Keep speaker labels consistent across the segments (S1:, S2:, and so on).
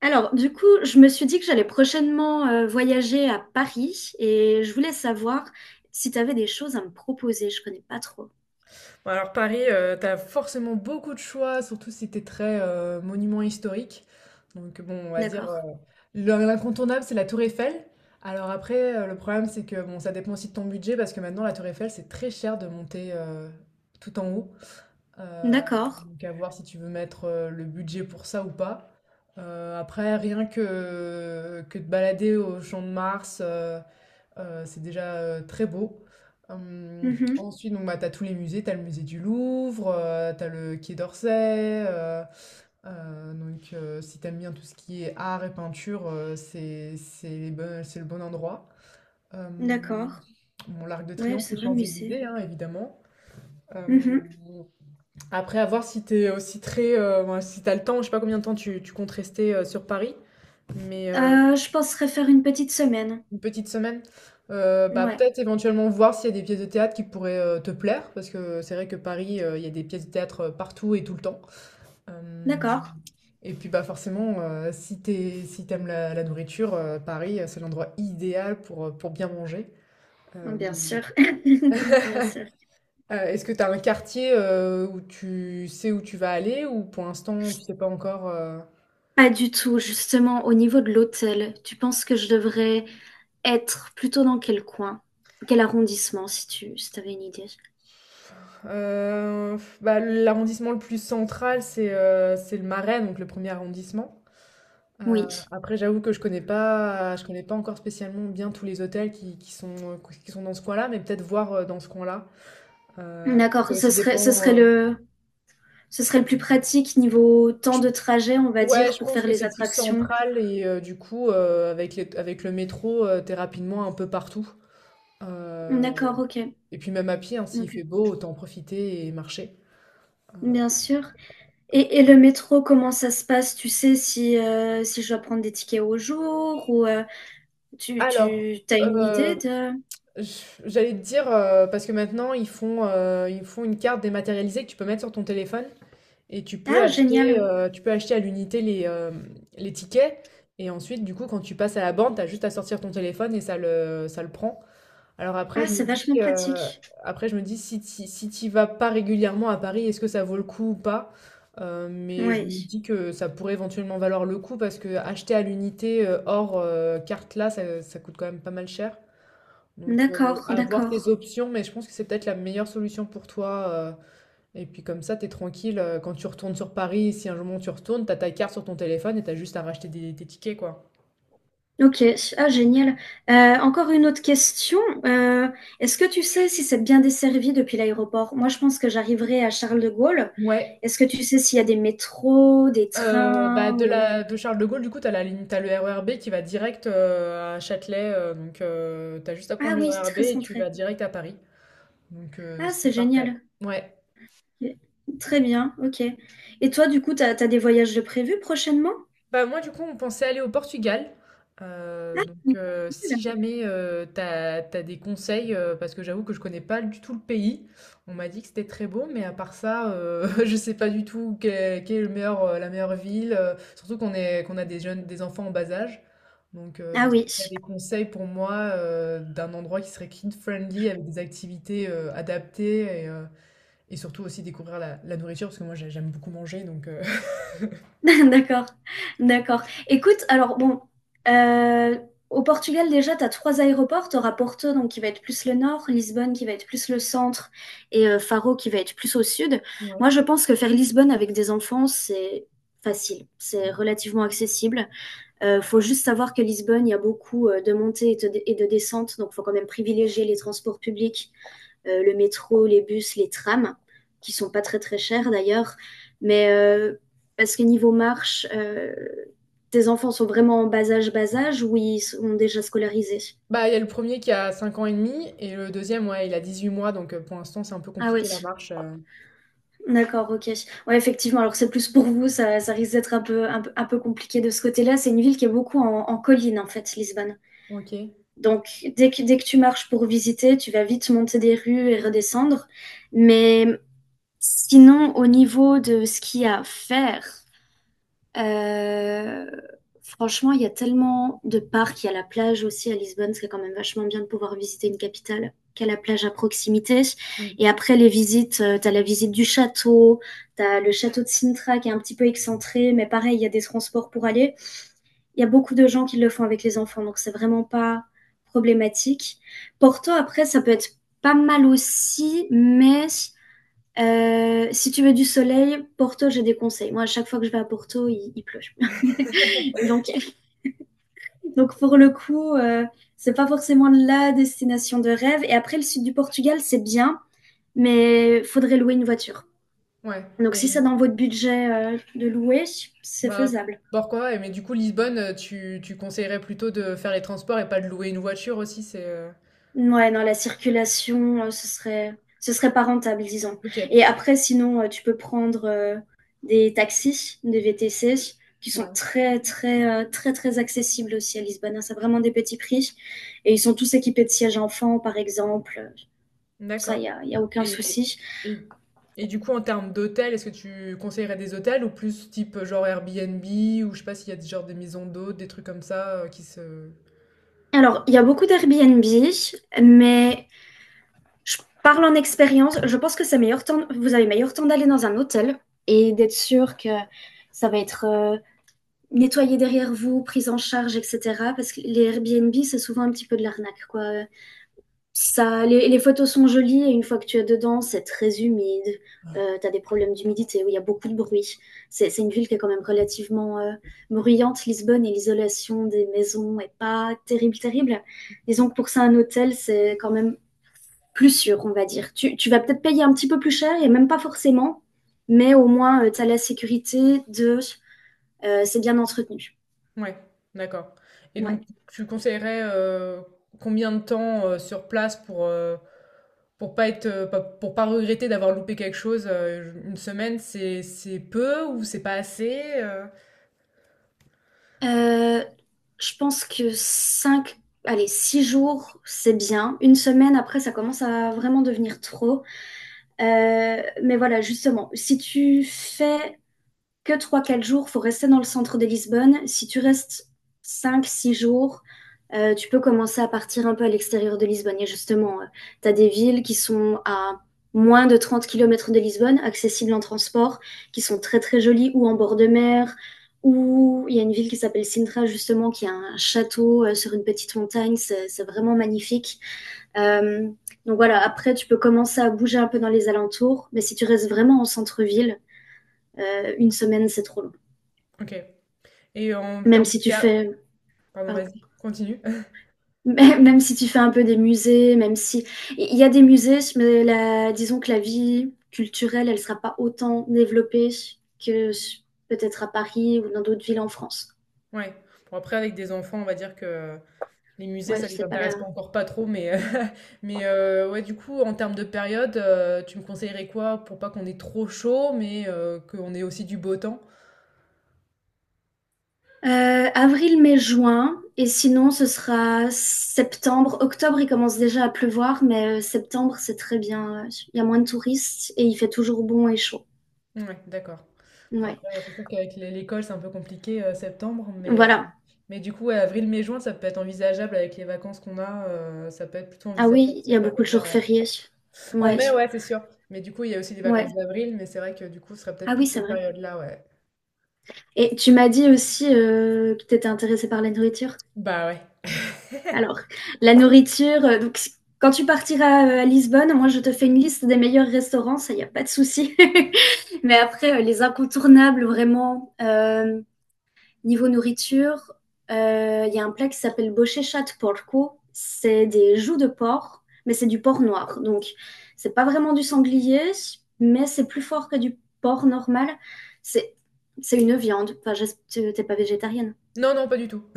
S1: Alors, du coup, je me suis dit que j'allais prochainement voyager à Paris et je voulais savoir si tu avais des choses à me proposer. Je connais pas trop.
S2: Ouais, alors Paris, t'as forcément beaucoup de choix, surtout si t'es très monument historique. Donc bon, on va dire
S1: D'accord.
S2: l'incontournable, c'est la Tour Eiffel. Alors après, le problème, c'est que bon, ça dépend aussi de ton budget parce que maintenant la Tour Eiffel, c'est très cher de monter tout en haut. Euh,
S1: D'accord.
S2: donc à voir si tu veux mettre le budget pour ça ou pas. Après, rien que te balader au Champ de Mars. C'est déjà très beau. Hum,
S1: Mhm.
S2: Ensuite, donc, bah, tu as tous les musées, tu as le musée du Louvre, tu as le Quai d'Orsay. Donc, si t'aimes bien tout ce qui est art et peinture, c'est c'est le bon endroit. Euh,
S1: D'accord.
S2: bon, l'Arc de
S1: Ouais,
S2: Triomphe,
S1: c'est
S2: les
S1: vrai, musée.
S2: Champs-Élysées, hein, évidemment. Euh,
S1: Mhm.
S2: Après, à voir si t'es aussi très, ouais, si t'as le temps, je sais pas combien de temps tu comptes rester sur Paris, mais
S1: Je penserais faire une petite semaine.
S2: une petite semaine? Bah,
S1: Ouais.
S2: peut-être éventuellement voir s'il y a des pièces de théâtre qui pourraient, te plaire parce que c'est vrai que Paris, il y a des pièces de théâtre, partout et tout le temps. Hem
S1: D'accord.
S2: Et puis, bah, forcément, si t'es, si t'aimes la nourriture, Paris, c'est l'endroit idéal pour bien manger.
S1: Oh, bien
S2: Hem,
S1: sûr. Bien sûr.
S2: Est-ce que t'as un quartier, où tu sais où tu vas aller ou pour l'instant tu sais pas encore,
S1: Pas du tout. Justement, au niveau de l'hôtel, tu penses que je devrais être plutôt dans quel coin? Quel arrondissement, si t'avais une idée?
S2: Heu, Bah, l'arrondissement le plus central, c'est le Marais, donc le premier arrondissement. Euh,
S1: Oui.
S2: Après, j'avoue que je connais pas encore spécialement bien tous les hôtels qui sont dans ce coin-là, mais peut-être voir dans ce coin-là. Puis ça
S1: D'accord,
S2: aussi dépend. euh,
S1: ce serait le plus pratique niveau temps
S2: je-
S1: de trajet, on va
S2: ouais,
S1: dire,
S2: je
S1: pour
S2: pense
S1: faire
S2: que
S1: les
S2: c'est plus
S1: attractions.
S2: central et du coup, avec le métro, t'es rapidement un peu partout. Euh,
S1: D'accord, ok.
S2: et puis même à pied, hein, s'il
S1: Ok.
S2: fait beau, autant en profiter et marcher.
S1: Bien sûr. Et le métro, comment ça se passe? Tu sais si, si je dois prendre des tickets au jour ou tu,
S2: Alors,
S1: tu as une
S2: euh,
S1: idée de...
S2: j'allais te dire, parce que maintenant, ils font une carte dématérialisée que tu peux mettre sur ton téléphone. Et
S1: Ah, génial.
S2: tu peux acheter à l'unité les tickets et ensuite, du coup, quand tu passes à la borne, tu as juste à sortir ton téléphone et ça le prend. Alors après,
S1: Ah,
S2: je me
S1: c'est
S2: dis,
S1: vachement
S2: heu,
S1: pratique.
S2: Après je me dis si tu si t'y vas pas régulièrement à Paris, est-ce que ça vaut le coup ou pas? Mais je me
S1: Oui.
S2: dis que ça pourrait éventuellement valoir le coup parce que acheter à l'unité, hors, carte là, ça coûte quand même pas mal cher. Donc,
S1: D'accord,
S2: avoir tes
S1: d'accord.
S2: options, mais je pense que c'est peut-être la meilleure solution pour toi, et puis comme ça, t'es tranquille, quand tu retournes sur Paris, si un jour tu retournes, t'as ta carte sur ton téléphone et t'as juste à racheter des tes tickets, quoi.
S1: Ok, ah génial. Encore une autre question. Euh, Est-ce que tu sais si c'est bien desservi depuis l'aéroport? Moi, je pense que j'arriverai à Charles de Gaulle.
S2: Ouais,
S1: Est-ce que tu sais s'il y a des métros, des
S2: bah,
S1: trains ou...
S2: de Charles de Gaulle, du coup, t'as la ligne tu as le RER B qui va direct, à Châtelet, donc tu juste à prendre
S1: Ah
S2: le
S1: oui, c'est
S2: RER B
S1: très
S2: et tu
S1: centré.
S2: vas direct à Paris, donc
S1: Ah,
S2: c'est
S1: c'est
S2: parfait.
S1: génial.
S2: Ouais.
S1: Très bien, ok. Et toi, du coup, t'as des voyages de prévus prochainement?
S2: Bah, moi, du coup, on pensait aller au Portugal.
S1: Ah,
S2: Donc,
S1: cool.
S2: si jamais t'as des conseils, parce que j'avoue que je connais pas du tout le pays, on m'a dit que c'était très beau, mais à part ça, je sais pas du tout quelle est le meilleur, la meilleure ville, surtout qu'on a des jeunes, des enfants en bas âge. Donc,
S1: Ah
S2: si
S1: oui.
S2: t'as des conseils pour moi d'un endroit qui serait kid-friendly, avec des activités adaptées et surtout aussi découvrir la nourriture, parce que moi, j'aime beaucoup manger, donc…
S1: D'accord, d'accord. Écoute, alors bon, euh, au Portugal déjà, tu as trois aéroports. Tu auras Porto, donc qui va être plus le nord, Lisbonne qui va être plus le centre, et Faro qui va être plus au sud. Moi, je pense que faire Lisbonne avec des enfants, c'est facile, c'est relativement accessible. Faut juste savoir que Lisbonne, il y a beaucoup de montées et de descentes, donc faut quand même privilégier les transports publics le métro, les bus, les trams, qui sont pas très très chers d'ailleurs, mais parce que niveau marche, tes enfants sont vraiment en bas âge, ou ils sont déjà scolarisés?
S2: Bah, il y a le premier qui a 5 ans et demi et le deuxième ouais, il a 18 mois, donc pour l'instant, c'est un peu
S1: Ah oui,
S2: compliqué la marche,
S1: d'accord, ok. Ouais, effectivement, alors c'est plus pour vous, ça risque d'être un peu compliqué de ce côté-là. C'est une ville qui est beaucoup en colline, en fait, Lisbonne.
S2: OK.
S1: Donc, dès que tu marches pour visiter, tu vas vite monter des rues et redescendre. Mais sinon, au niveau de ce qu'il y a à faire, Euh, franchement, il y a tellement de parcs. Il y a la plage aussi à Lisbonne. C'est quand même vachement bien de pouvoir visiter une capitale qui a la plage à proximité. Et après les visites, t'as la visite du château, t'as le château de Sintra qui est un petit peu excentré, mais pareil, il y a des transports pour aller. Il y a beaucoup de gens qui le font avec les enfants, donc c'est vraiment pas problématique. Porto, après, ça peut être pas mal aussi, mais si tu veux du soleil, Porto, j'ai des conseils. Moi, à chaque fois que je vais à Porto, il pleut. Donc, donc pour le coup, c'est pas forcément la destination de rêve. Et après, le sud du Portugal, c'est bien, mais faudrait louer une voiture.
S2: Ouais
S1: Donc, si
S2: et
S1: c'est dans votre budget de louer, c'est
S2: bah,
S1: faisable.
S2: pourquoi? Et mais du coup, Lisbonne, tu conseillerais plutôt de faire les transports et pas de louer une voiture aussi?
S1: Ouais, non, la circulation, ce serait pas rentable, disons. Et
S2: OK,
S1: après, sinon, tu peux prendre des taxis, des VTC, qui sont
S2: ouais,
S1: très, très, très, très accessibles aussi à Lisbonne, hein. C'est vraiment des petits prix. Et ils sont tous équipés de sièges enfants, par exemple. Ça,
S2: d'accord.
S1: y a aucun
S2: et
S1: souci.
S2: et du coup, en termes d'hôtels, est-ce que tu conseillerais des hôtels ou plus type, genre, Airbnb ou je sais pas s'il y a des genre des maisons d'hôtes, des trucs comme ça, qui se
S1: Alors, il y a beaucoup d'Airbnb, mais je parle en expérience. Je pense que c'est meilleur temps, vous avez meilleur temps d'aller dans un hôtel et d'être sûr que ça va être nettoyé derrière vous, prise en charge, etc. Parce que les Airbnb, c'est souvent un petit peu de l'arnaque, quoi. Ça, les photos sont jolies et une fois que tu es dedans, c'est très humide. Tu as des problèmes d'humidité où il y a beaucoup de bruit. C'est une ville qui est quand même relativement bruyante, Lisbonne, et l'isolation des maisons est pas terrible, terrible. Disons que pour ça, un hôtel, c'est quand même plus sûr, on va dire. Tu vas peut-être payer un petit peu plus cher et même pas forcément, mais au moins, tu as la sécurité de c'est bien entretenu.
S2: ouais, d'accord. Et
S1: Ouais.
S2: donc, tu conseillerais combien de temps sur place pour pas être, pour pas regretter d'avoir loupé quelque chose? Une semaine, c'est peu ou c'est pas assez?
S1: Euh, je pense que 5, allez, 6 jours, c'est bien. Une semaine, après, ça commence à vraiment devenir trop. Mais voilà, justement, si tu fais que trois 4 jours, il faut rester dans le centre de Lisbonne. Si tu restes cinq, six jours, tu peux commencer à partir un peu à l'extérieur de Lisbonne. Et justement, tu as des villes qui sont à moins de 30 km de Lisbonne, accessibles en transport, qui sont très très jolies, ou en bord de mer, ou il y a une ville qui s'appelle Sintra, justement, qui a un château sur une petite montagne, c'est vraiment magnifique. Euh, donc voilà, après, tu peux commencer à bouger un peu dans les alentours, mais si tu restes vraiment en centre-ville, une semaine, c'est trop long.
S2: Ok. Et en
S1: Même
S2: termes de…
S1: si tu fais,
S2: Pardon,
S1: pardon,
S2: vas-y, continue.
S1: même si tu fais un peu des musées, même si il y a des musées, mais la, disons que la vie culturelle, elle sera pas autant développée que s- peut-être à Paris ou dans d'autres villes en France.
S2: Ouais. Bon, après, avec des enfants, on va dire que les musées,
S1: Ouais,
S2: ça
S1: je
S2: les
S1: sais pas
S2: intéresse
S1: là.
S2: pas trop, mais, mais ouais, du coup, en termes de période, tu me conseillerais quoi pour pas qu'on ait trop chaud, mais qu'on ait aussi du beau temps?
S1: Avril, mai, juin, et sinon ce sera septembre. Octobre, il commence déjà à pleuvoir, mais septembre, c'est très bien, ouais. Il y a moins de touristes et il fait toujours bon et chaud.
S2: Ouais, d'accord. Bon,
S1: Ouais.
S2: après, c'est sûr qu'avec l'école, c'est un peu compliqué, septembre,
S1: Voilà.
S2: mais du coup, ouais, avril, mai, juin, ça peut être envisageable avec les vacances qu'on a, ça peut être plutôt
S1: Ah
S2: envisageable
S1: oui, il y
S2: cette
S1: a beaucoup de
S2: période-là,
S1: jours
S2: ouais.
S1: fériés.
S2: En
S1: Ouais.
S2: mai, ouais, c'est sûr. Mais du coup, il y a aussi les
S1: Ouais.
S2: vacances d'avril, mais c'est vrai que du coup, ce serait
S1: Ah
S2: peut-être
S1: oui,
S2: plus
S1: c'est
S2: cette
S1: vrai.
S2: période-là, ouais.
S1: Et tu m'as dit aussi que tu étais intéressée par la nourriture.
S2: Bah ouais.
S1: Alors, la nourriture, quand tu partiras à Lisbonne, moi je te fais une liste des meilleurs restaurants, ça, il n'y a pas de souci. Mais après, les incontournables, vraiment, niveau nourriture, il y a un plat qui s'appelle bochechat de porco. C'est des joues de porc, mais c'est du porc noir. Donc, c'est pas vraiment du sanglier, mais c'est plus fort que du porc normal. C'est c'est une viande. Enfin, t'es pas végétarienne.
S2: Non, non, pas du tout.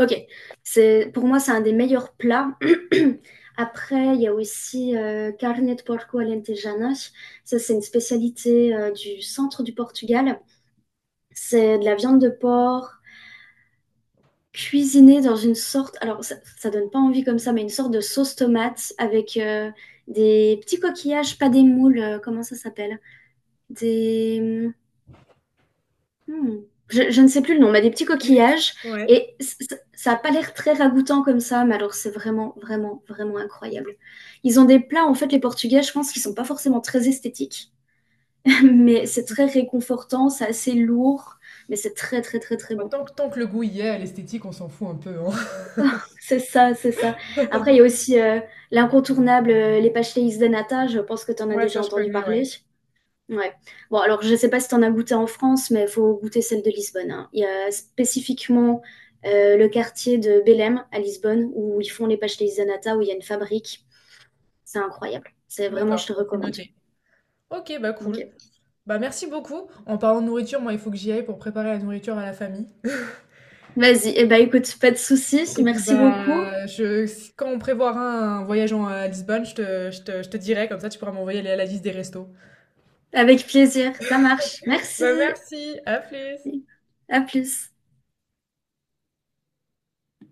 S1: Ok, c'est pour moi c'est un des meilleurs plats. Après, il y a aussi carne de porco alentejana. Ça, c'est une spécialité du centre du Portugal. C'est de la viande de porc cuisinée dans une sorte, alors ça donne pas envie comme ça, mais une sorte de sauce tomate avec des petits coquillages, pas des moules, comment ça s'appelle? Des Hmm. Je ne sais plus le nom, mais des petits coquillages.
S2: Ouais.
S1: Et ça n'a pas l'air très ragoûtant comme ça, mais alors c'est vraiment, vraiment, vraiment incroyable. Ils ont des plats, en fait, les Portugais, je pense qu'ils sont pas forcément très esthétiques, mais c'est très réconfortant, c'est assez lourd, mais c'est très, très, très, très
S2: Bah,
S1: bon.
S2: tant que le goût y est, l'esthétique, on s'en fout un peu, hein.
S1: C'est ça, c'est ça. Après, il y a aussi l'incontournable, les pastéis de nata, je pense que tu en as
S2: Ouais,
S1: déjà
S2: ça je
S1: entendu
S2: connais,
S1: parler.
S2: ouais.
S1: Ouais. Bon, alors je ne sais pas si tu en as goûté en France, mais il faut goûter celle de Lisbonne, hein. Il y a spécifiquement le quartier de Belém à Lisbonne où ils font les pastéis-nata, où il y a une fabrique. C'est incroyable. C'est vraiment, je
S2: D'accord,
S1: te
S2: bah, c'est
S1: recommande.
S2: noté. Ok, bah cool.
S1: Ok.
S2: Bah merci beaucoup. En parlant de nourriture, moi, il faut que j'y aille pour préparer la nourriture à la famille.
S1: Vas-y. Eh ben, écoute, pas de souci.
S2: Et puis
S1: Merci beaucoup.
S2: bah, je, si- quand on prévoira un voyage à Lisbonne, je te dirai, comme ça tu pourras m'envoyer la liste des restos.
S1: Avec plaisir. Ça marche. Merci.
S2: Bah, merci, à plus!
S1: À plus.